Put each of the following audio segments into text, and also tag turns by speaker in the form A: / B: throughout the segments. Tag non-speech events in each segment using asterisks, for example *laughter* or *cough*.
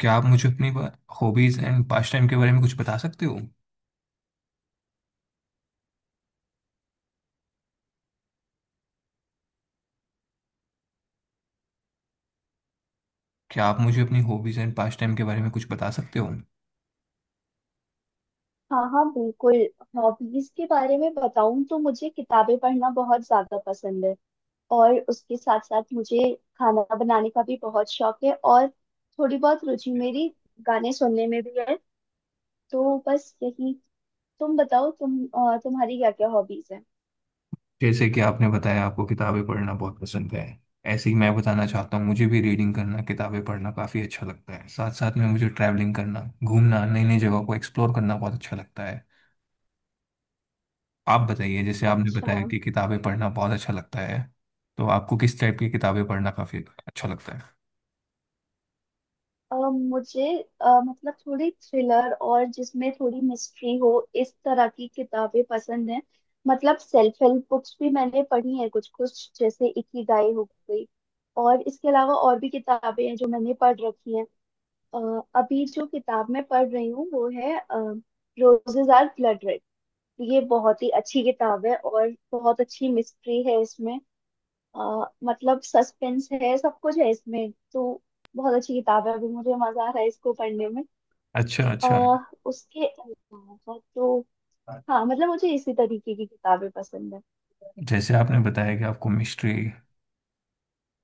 A: क्या आप मुझे अपनी हॉबीज एंड पास्ट टाइम के बारे में कुछ बता सकते हो। क्या आप मुझे अपनी हॉबीज एंड पास्ट टाइम के बारे में कुछ बता सकते हो।
B: हाँ, हाँ, बिल्कुल। हॉबीज के बारे में बताऊं तो मुझे किताबें पढ़ना बहुत ज्यादा पसंद है। और उसके साथ साथ मुझे खाना बनाने का भी बहुत शौक है। और थोड़ी बहुत रुचि मेरी गाने सुनने में भी है। तो बस यही। तुम बताओ, तुम तुम्हारी क्या क्या हॉबीज हैं?
A: जैसे कि आपने बताया आपको किताबें पढ़ना बहुत पसंद है, ऐसे ही मैं बताना चाहता हूँ मुझे भी रीडिंग करना, किताबें पढ़ना काफ़ी अच्छा लगता है। साथ साथ में मुझे ट्रैवलिंग करना, घूमना, नई नई जगह को एक्सप्लोर करना बहुत अच्छा लगता है। आप बताइए, जैसे आपने
B: अच्छा।
A: बताया कि किताबें पढ़ना बहुत अच्छा लगता है, तो आपको किस टाइप की किताबें पढ़ना काफ़ी अच्छा लगता है।
B: मुझे मतलब थोड़ी थ्रिलर और जिसमें थोड़ी मिस्ट्री हो, इस तरह की किताबें पसंद हैं। मतलब सेल्फ हेल्प बुक्स भी मैंने पढ़ी हैं, कुछ कुछ जैसे इकिगाई हो गई। और इसके अलावा और भी किताबें हैं जो मैंने पढ़ रखी हैं। अभी जो किताब मैं पढ़ रही हूँ वो है रोजेज आर ब्लड रेड। ये बहुत ही अच्छी किताब है और बहुत अच्छी मिस्ट्री है इसमें। अ, मतलब सस्पेंस है, सब कुछ है इसमें। तो बहुत अच्छी किताब है, अभी मुझे मजा आ रहा है इसको पढ़ने में।
A: अच्छा
B: आ,
A: अच्छा।
B: उसके अलावा तो हाँ, मतलब मुझे इसी तरीके की किताबें पसंद है।
A: जैसे आपने बताया कि आपको मिस्ट्री,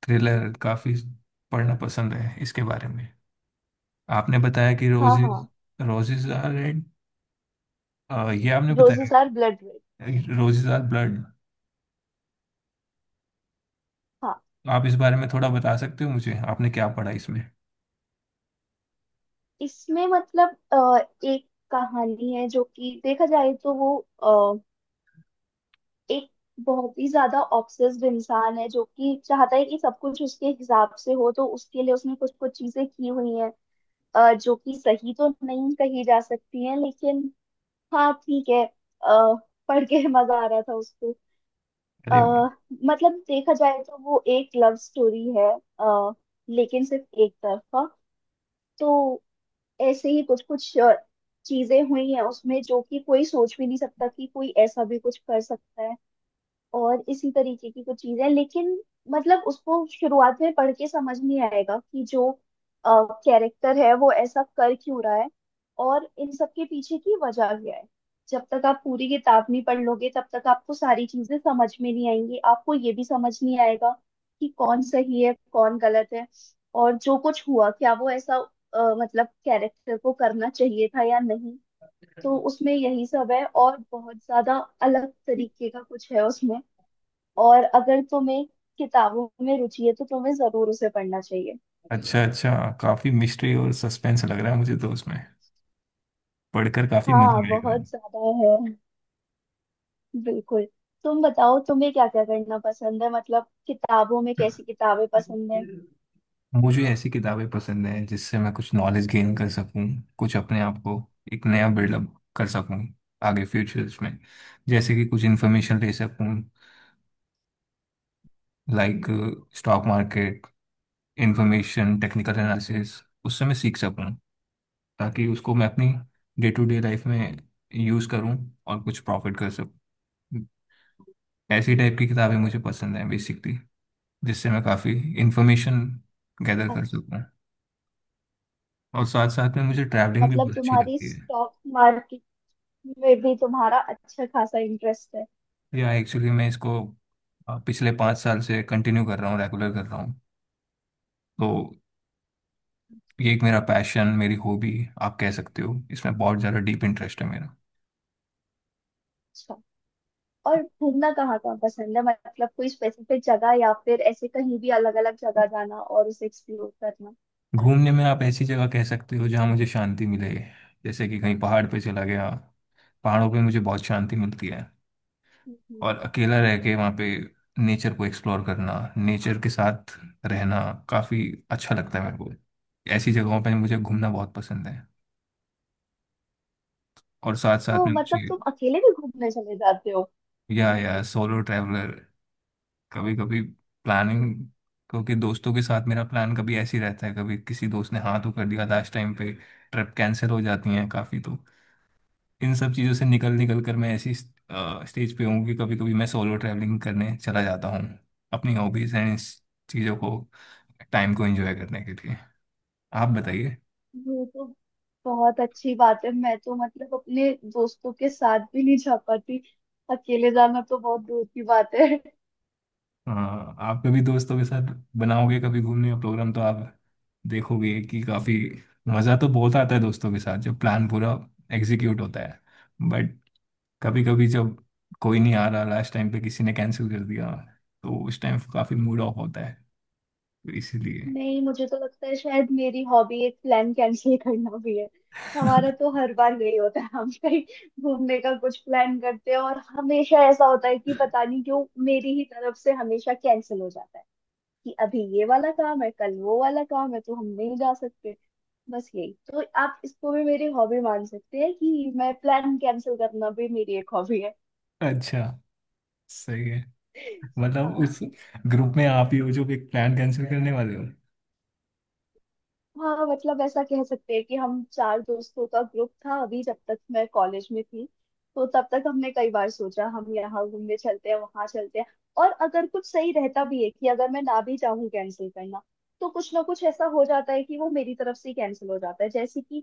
A: थ्रिलर काफी पढ़ना पसंद है, इसके बारे में आपने बताया कि
B: हाँ,
A: रोजेज,
B: हाँ।
A: रोजेज आर रेड ये आपने बताया,
B: roses are blood red.
A: Roses are blood.
B: हाँ।
A: आप इस बारे में थोड़ा बता सकते हो मुझे आपने क्या पढ़ा इसमें।
B: इसमें मतलब एक कहानी है, जो कि देखा जाए तो वो अ, एक बहुत ही ज्यादा ऑब्सेस्ड इंसान है, जो कि चाहता है कि सब कुछ उसके हिसाब से हो, तो उसके लिए उसने कुछ कुछ चीजें की हुई हैं। जो कि सही तो नहीं कही जा सकती है, लेकिन हाँ ठीक है। पढ़ के *laughs* मजा आ रहा था उसको। अ,
A: अरे वाह।
B: मतलब देखा जाए तो वो एक लव स्टोरी है, अ, लेकिन सिर्फ एक तरफा। तो ऐसे ही कुछ कुछ चीजें हुई हैं उसमें, जो कि कोई सोच भी नहीं सकता कि कोई ऐसा भी कुछ कर सकता है। और इसी तरीके की कुछ चीजें, लेकिन मतलब उसको शुरुआत में पढ़ के समझ नहीं आएगा कि जो कैरेक्टर है वो ऐसा कर क्यों रहा है, और इन सब के पीछे की वजह क्या है। जब तक आप पूरी किताब नहीं पढ़ लोगे तब तक आपको सारी चीजें समझ में नहीं आएंगी। आपको ये भी समझ नहीं आएगा कि कौन सही है, कौन गलत है, और जो कुछ हुआ क्या वो ऐसा मतलब कैरेक्टर को करना चाहिए था या नहीं। तो उसमें यही सब है, और बहुत ज्यादा अलग तरीके का कुछ है उसमें। और अगर तुम्हें किताबों में रुचि है तो तुम्हें जरूर उसे पढ़ना चाहिए।
A: अच्छा अच्छा, काफी मिस्ट्री और सस्पेंस लग रहा है मुझे तो उसमें, पढ़कर काफी
B: हाँ,
A: मजा आएगा।
B: बहुत ज्यादा है, बिल्कुल। तुम बताओ तुम्हें क्या क्या करना पसंद है? मतलब किताबों में कैसी किताबें पसंद है?
A: मुझे ऐसी किताबें पसंद हैं जिससे मैं कुछ नॉलेज गेन कर सकूं, कुछ अपने आप को एक नया बिल्डअप कर सकूं, आगे फ्यूचर्स में जैसे कि कुछ इन्फॉर्मेशन ले सकूं, like stock market information, technical analysis, उससे मैं सीख सकूं ताकि उसको मैं अपनी डे टू डे लाइफ में यूज़ करूं और कुछ प्रॉफिट कर सकूं। ऐसी टाइप की किताबें मुझे पसंद हैं बेसिकली, जिससे मैं काफ़ी इंफॉर्मेशन गैदर कर
B: अच्छा।
A: सकूं। और साथ साथ में मुझे ट्रैवलिंग भी
B: मतलब
A: बहुत अच्छी
B: तुम्हारी
A: लगती है।
B: स्टॉक मार्केट में भी तुम्हारा अच्छा खासा इंटरेस्ट है।
A: या एक्चुअली मैं इसको पिछले 5 साल से कंटिन्यू कर रहा हूँ, रेगुलर कर रहा हूँ तो,
B: अच्छा,
A: ये एक मेरा पैशन, मेरी हॉबी आप कह सकते हो, इसमें बहुत ज़्यादा डीप इंटरेस्ट है मेरा।
B: अच्छा। और घूमना कहाँ कहाँ पसंद है? मतलब कोई स्पेसिफिक जगह, या फिर ऐसे कहीं भी अलग अलग जगह जाना और उसे एक्सप्लोर करना?
A: घूमने में आप ऐसी जगह कह सकते हो जहाँ मुझे शांति मिले, जैसे कि कहीं पहाड़ पे चला गया, पहाड़ों पे मुझे बहुत शांति मिलती है,
B: हम्म।
A: और
B: हम्म।
A: अकेला रह के वहाँ पे नेचर को एक्सप्लोर करना, नेचर के साथ रहना काफ़ी अच्छा लगता है मेरे को। ऐसी जगहों पे मुझे घूमना बहुत पसंद है। और साथ साथ
B: तो
A: में
B: मतलब
A: मुझे,
B: तुम अकेले भी घूमने चले जाते हो?
A: या सोलो ट्रैवलर, कभी कभी प्लानिंग, क्योंकि दोस्तों के साथ मेरा प्लान कभी ऐसे ही रहता है, कभी किसी दोस्त ने हाँ तो कर दिया लास्ट टाइम पे, ट्रिप कैंसिल हो जाती है काफ़ी, तो इन सब चीज़ों से निकल निकल कर मैं ऐसी स्टेज पे हूँ कि कभी कभी मैं सोलो ट्रैवलिंग करने चला जाता हूँ, अपनी हॉबीज एंड इस चीज़ों को, टाइम को एंजॉय करने के लिए। आप बताइए।
B: ये तो बहुत अच्छी बात है। मैं तो मतलब अपने दोस्तों के साथ भी नहीं जा पाती, अकेले जाना तो बहुत दूर की बात है।
A: हाँ, आप कभी दोस्तों के साथ बनाओगे कभी घूमने का प्रोग्राम तो आप देखोगे कि काफ़ी मज़ा तो बहुत आता है दोस्तों के साथ, जब प्लान पूरा एग्जीक्यूट होता है। बट कभी कभी जब कोई नहीं आ रहा, लास्ट टाइम पे किसी ने कैंसिल कर दिया, तो उस टाइम काफ़ी मूड ऑफ होता है, तो इसीलिए
B: नहीं, मुझे तो लगता है शायद मेरी हॉबी एक प्लान कैंसिल करना भी है। हमारा
A: *laughs*
B: तो हर बार यही होता है, हम कहीं घूमने का कुछ प्लान करते हैं और हमेशा ऐसा होता है कि पता नहीं क्यों मेरी ही तरफ से हमेशा कैंसिल हो जाता है। कि अभी ये वाला काम है, कल वो वाला काम है, तो हम नहीं जा सकते। बस यही, तो आप इसको भी मेरी हॉबी मान सकते हैं कि मैं प्लान कैंसिल करना भी मेरी एक हॉबी है।
A: अच्छा, सही है, मतलब
B: हाँ।
A: उस ग्रुप में आप ही हो जो एक प्लान कैंसिल करने वाले हो।
B: हाँ, मतलब ऐसा कह सकते हैं कि हम चार दोस्तों का ग्रुप था, अभी जब तक मैं कॉलेज में थी तो तब तक हमने कई बार सोचा हम यहाँ घूमने चलते हैं, वहां चलते हैं। और अगर कुछ सही रहता भी है कि अगर मैं ना भी चाहूँ कैंसिल करना, तो कुछ ना कुछ ऐसा हो जाता है कि वो मेरी तरफ से कैंसिल हो जाता है। जैसे कि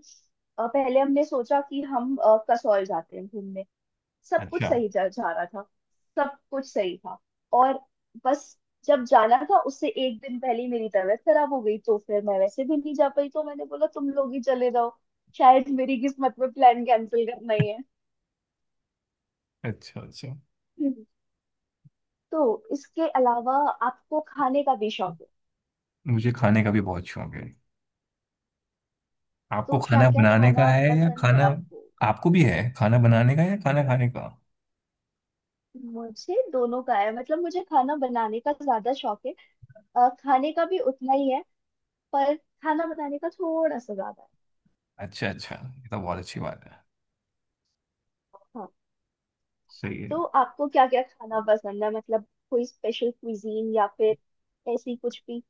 B: पहले हमने सोचा कि हम कसौल जाते हैं घूमने। सब कुछ
A: अच्छा
B: सही जा जा रहा था। सब कुछ सही था, और बस, जब जाना था उससे एक दिन पहले ही मेरी तबीयत खराब हो गई, तो फिर मैं वैसे भी नहीं जा पाई, तो मैंने बोला तुम लोग ही चले जाओ। शायद मेरी किस्मत में प्लान कैंसिल करना ही है।
A: अच्छा। अच्छा,
B: *laughs* हम्म। तो इसके अलावा आपको खाने का भी शौक है,
A: मुझे खाने का भी बहुत शौक है। आपको
B: तो क्या
A: खाना
B: क्या
A: बनाने का
B: खाना
A: है या
B: पसंद है
A: खाना,
B: आपको?
A: आपको भी है खाना बनाने का या खाना खाने का।
B: मुझे दोनों का है, मतलब मुझे खाना बनाने का ज्यादा शौक है। खाने का भी उतना ही है, पर खाना बनाने का थोड़ा सा ज्यादा है।
A: अच्छा अच्छा, ये तो बहुत अच्छी बात है।
B: हाँ।
A: सही है।
B: तो आपको क्या क्या खाना पसंद है? मतलब कोई स्पेशल क्विजीन, या फिर ऐसी कुछ भी,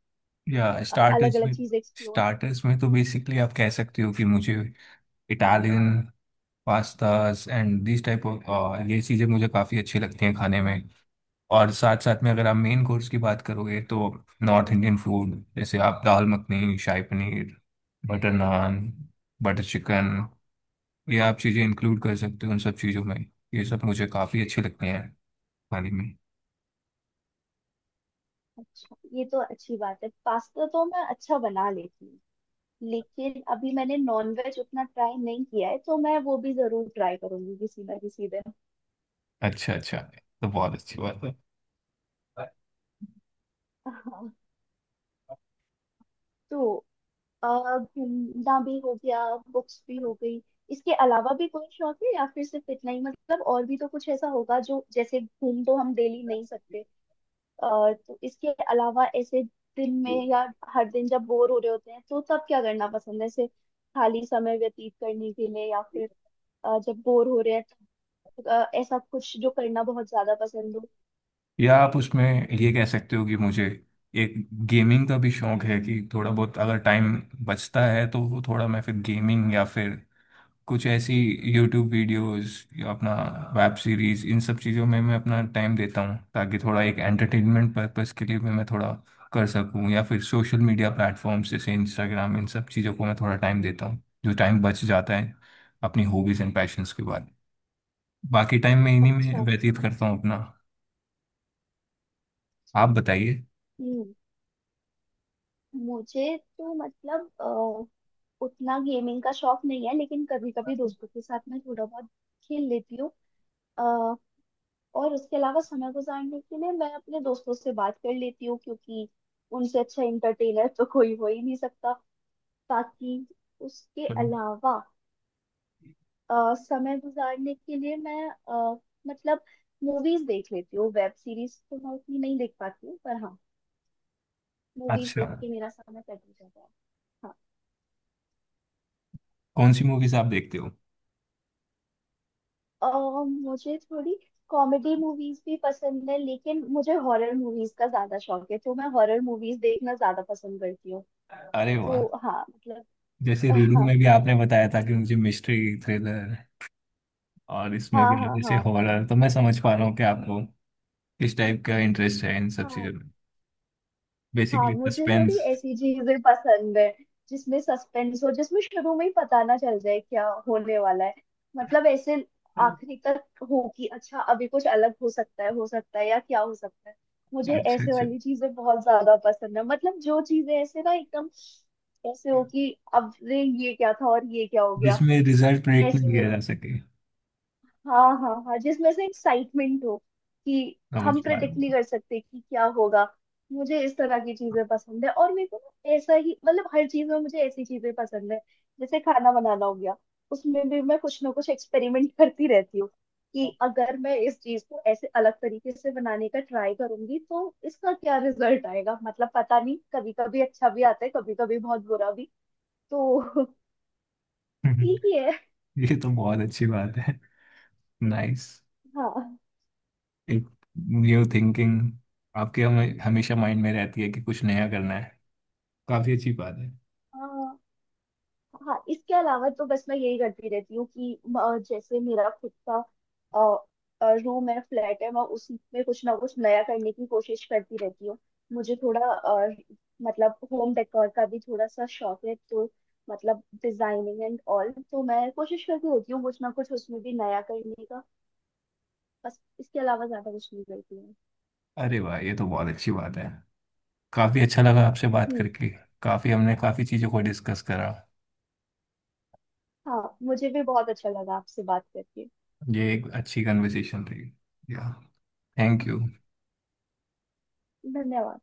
A: या
B: अलग
A: स्टार्टर्स
B: अलग
A: में,
B: चीज एक्सप्लोर?
A: स्टार्टर्स में तो बेसिकली आप कह सकते हो कि मुझे Italian pastas and this type of, ये चीज़ें मुझे काफ़ी अच्छी लगती हैं खाने में। और साथ साथ में अगर आप मेन कोर्स की बात करोगे तो नॉर्थ इंडियन फूड जैसे आप dal makhani, shahi paneer, butter naan, butter chicken, ये आप चीज़ें इंक्लूड कर सकते हो उन सब चीज़ों में। ये सब मुझे काफ़ी अच्छे लगते हैं खाने में।
B: अच्छा, ये तो अच्छी बात है। पास्ता तो मैं अच्छा बना लेती हूँ, लेकिन अभी मैंने नॉनवेज उतना ट्राई नहीं किया है, तो मैं वो भी जरूर ट्राई करूंगी किसी ना किसी दिन।
A: अच्छा अच्छा, तो बहुत अच्छी बात है।
B: *laughs* हाँ। तो अ, घूमना भी हो गया, बुक्स भी हो गई, इसके अलावा भी कोई शौक है या फिर सिर्फ इतना ही? मतलब और भी तो कुछ ऐसा होगा जो, जैसे घूम तो हम डेली नहीं सकते। अ, तो इसके अलावा ऐसे दिन में, या हर दिन जब बोर हो रहे होते हैं तो तब क्या करना पसंद है, ऐसे खाली समय व्यतीत करने के लिए, या फिर जब बोर हो रहे हैं तो ऐसा कुछ जो करना बहुत ज्यादा पसंद हो?
A: या आप उसमें ये कह सकते हो कि मुझे एक गेमिंग का भी शौक है, कि थोड़ा बहुत अगर टाइम बचता है तो वो थोड़ा मैं फिर गेमिंग या फिर कुछ ऐसी यूट्यूब वीडियोस या अपना वेब सीरीज, इन सब चीज़ों में मैं अपना टाइम देता हूँ ताकि थोड़ा एक एंटरटेनमेंट पर्पस के लिए भी मैं थोड़ा कर सकूँ, या फिर सोशल मीडिया प्लेटफॉर्म्स जैसे इंस्टाग्राम, इन सब चीज़ों को मैं थोड़ा टाइम देता हूँ, जो टाइम बच जाता है अपनी हॉबीज एंड पैशंस के बाद। बाकी टाइम मैं इन्हीं में
B: अच्छा,
A: व्यतीत करता हूँ अपना।
B: अच्छा।
A: आप बताइए।
B: हम्म। मुझे तो मतलब उतना गेमिंग का शौक नहीं है, लेकिन कभी कभी दोस्तों के साथ मैं थोड़ा बहुत खेल लेती हूँ। और उसके अलावा समय गुजारने के लिए मैं अपने दोस्तों से बात कर लेती हूँ, क्योंकि उनसे अच्छा इंटरटेनर तो कोई हो ही नहीं सकता। बाकी उसके अलावा समय गुजारने के लिए मैं मतलब मूवीज देख लेती हूँ। वेब सीरीज तो मैं उतनी नहीं देख पाती हूँ, पर हाँ, मूवीज
A: अच्छा।
B: देख के मेरा समय कट ही जाता है। हाँ।
A: कौन सी मूवीज आप देखते हो।
B: मुझे थोड़ी कॉमेडी मूवीज भी पसंद है, लेकिन मुझे हॉरर मूवीज का ज्यादा शौक है, तो मैं हॉरर मूवीज देखना ज्यादा पसंद करती हूँ।
A: अरे वाह,
B: तो हाँ
A: जैसे रीडिंग
B: मतलब।
A: में भी
B: *laughs*
A: आपने बताया था कि मुझे मिस्ट्री थ्रिलर, और इसमें
B: हाँ,
A: अगर
B: हाँ,
A: जैसे
B: हाँ,
A: हॉरर, तो मैं समझ पा रहा हूँ कि आपको किस टाइप का इंटरेस्ट है इन सब चीज़ों
B: हाँ,
A: में,
B: हाँ।
A: बेसिकली
B: मुझे थोड़ी
A: सस्पेंस।
B: ऐसी चीजें पसंद है जिसमें सस्पेंस हो, जिसमें शुरू में ही पता ना चल जाए क्या होने वाला है। मतलब ऐसे आखिरी तक हो कि अच्छा अभी कुछ अलग हो सकता है, हो सकता है, या क्या हो सकता है। मुझे
A: अच्छा
B: ऐसे
A: अच्छा।
B: वाली चीजें बहुत ज्यादा पसंद है, मतलब जो चीजें ऐसे ना एकदम ऐसे हो कि अब रे ये क्या था और ये क्या हो गया,
A: जिसमें रिजल्ट प्रेडिक्ट नहीं
B: ऐसे।
A: किया जा सके,
B: हाँ, हाँ, हाँ, जिसमें से एक्साइटमेंट हो कि
A: समझ
B: हम
A: पा
B: प्रेडिक्ट नहीं
A: रहा
B: कर सकते कि क्या होगा। मुझे इस तरह की चीजें पसंद है, और मेरे को ना ऐसा ही मतलब हर चीज में मुझे ऐसी चीजें पसंद है। जैसे खाना बनाना हो गया, उसमें भी मैं कुछ ना कुछ एक्सपेरिमेंट *laughs* करती रहती हूँ। कि अगर मैं इस चीज को ऐसे अलग तरीके से बनाने का ट्राई करूंगी तो इसका क्या रिजल्ट आएगा। मतलब पता नहीं, कभी कभी अच्छा भी आता है, कभी कभी बहुत बुरा भी। तो *laughs*
A: हूँ
B: ठीक ही है।
A: *laughs* ये तो बहुत अच्छी बात है। नाइस,
B: हाँ।
A: एक न्यू थिंकिंग आपके हमें हमेशा माइंड में रहती है कि कुछ नया करना है, काफी अच्छी बात है।
B: हाँ, हाँ इसके अलावा तो बस मैं यही करती रहती हूँ कि जैसे मेरा खुद का रूम है, फ्लैट है, मैं उसी में कुछ ना कुछ नया करने की कोशिश करती रहती हूँ। मुझे थोड़ा मतलब होम डेकोर का भी थोड़ा सा शौक है, तो मतलब डिजाइनिंग एंड ऑल, तो मैं कोशिश करती रहती हूँ कुछ ना कुछ उसमें भी नया करने का। बस इसके अलावा ज्यादा कुछ नहीं करती हूँ।
A: अरे वाह, ये तो बहुत अच्छी बात है, काफी अच्छा लगा आपसे बात
B: हम्म।
A: करके, काफी हमने काफी चीजों को डिस्कस करा,
B: हाँ, मुझे भी बहुत अच्छा लगा आपसे बात करके।
A: ये एक अच्छी कन्वर्सेशन रही, या थैंक यू।
B: धन्यवाद।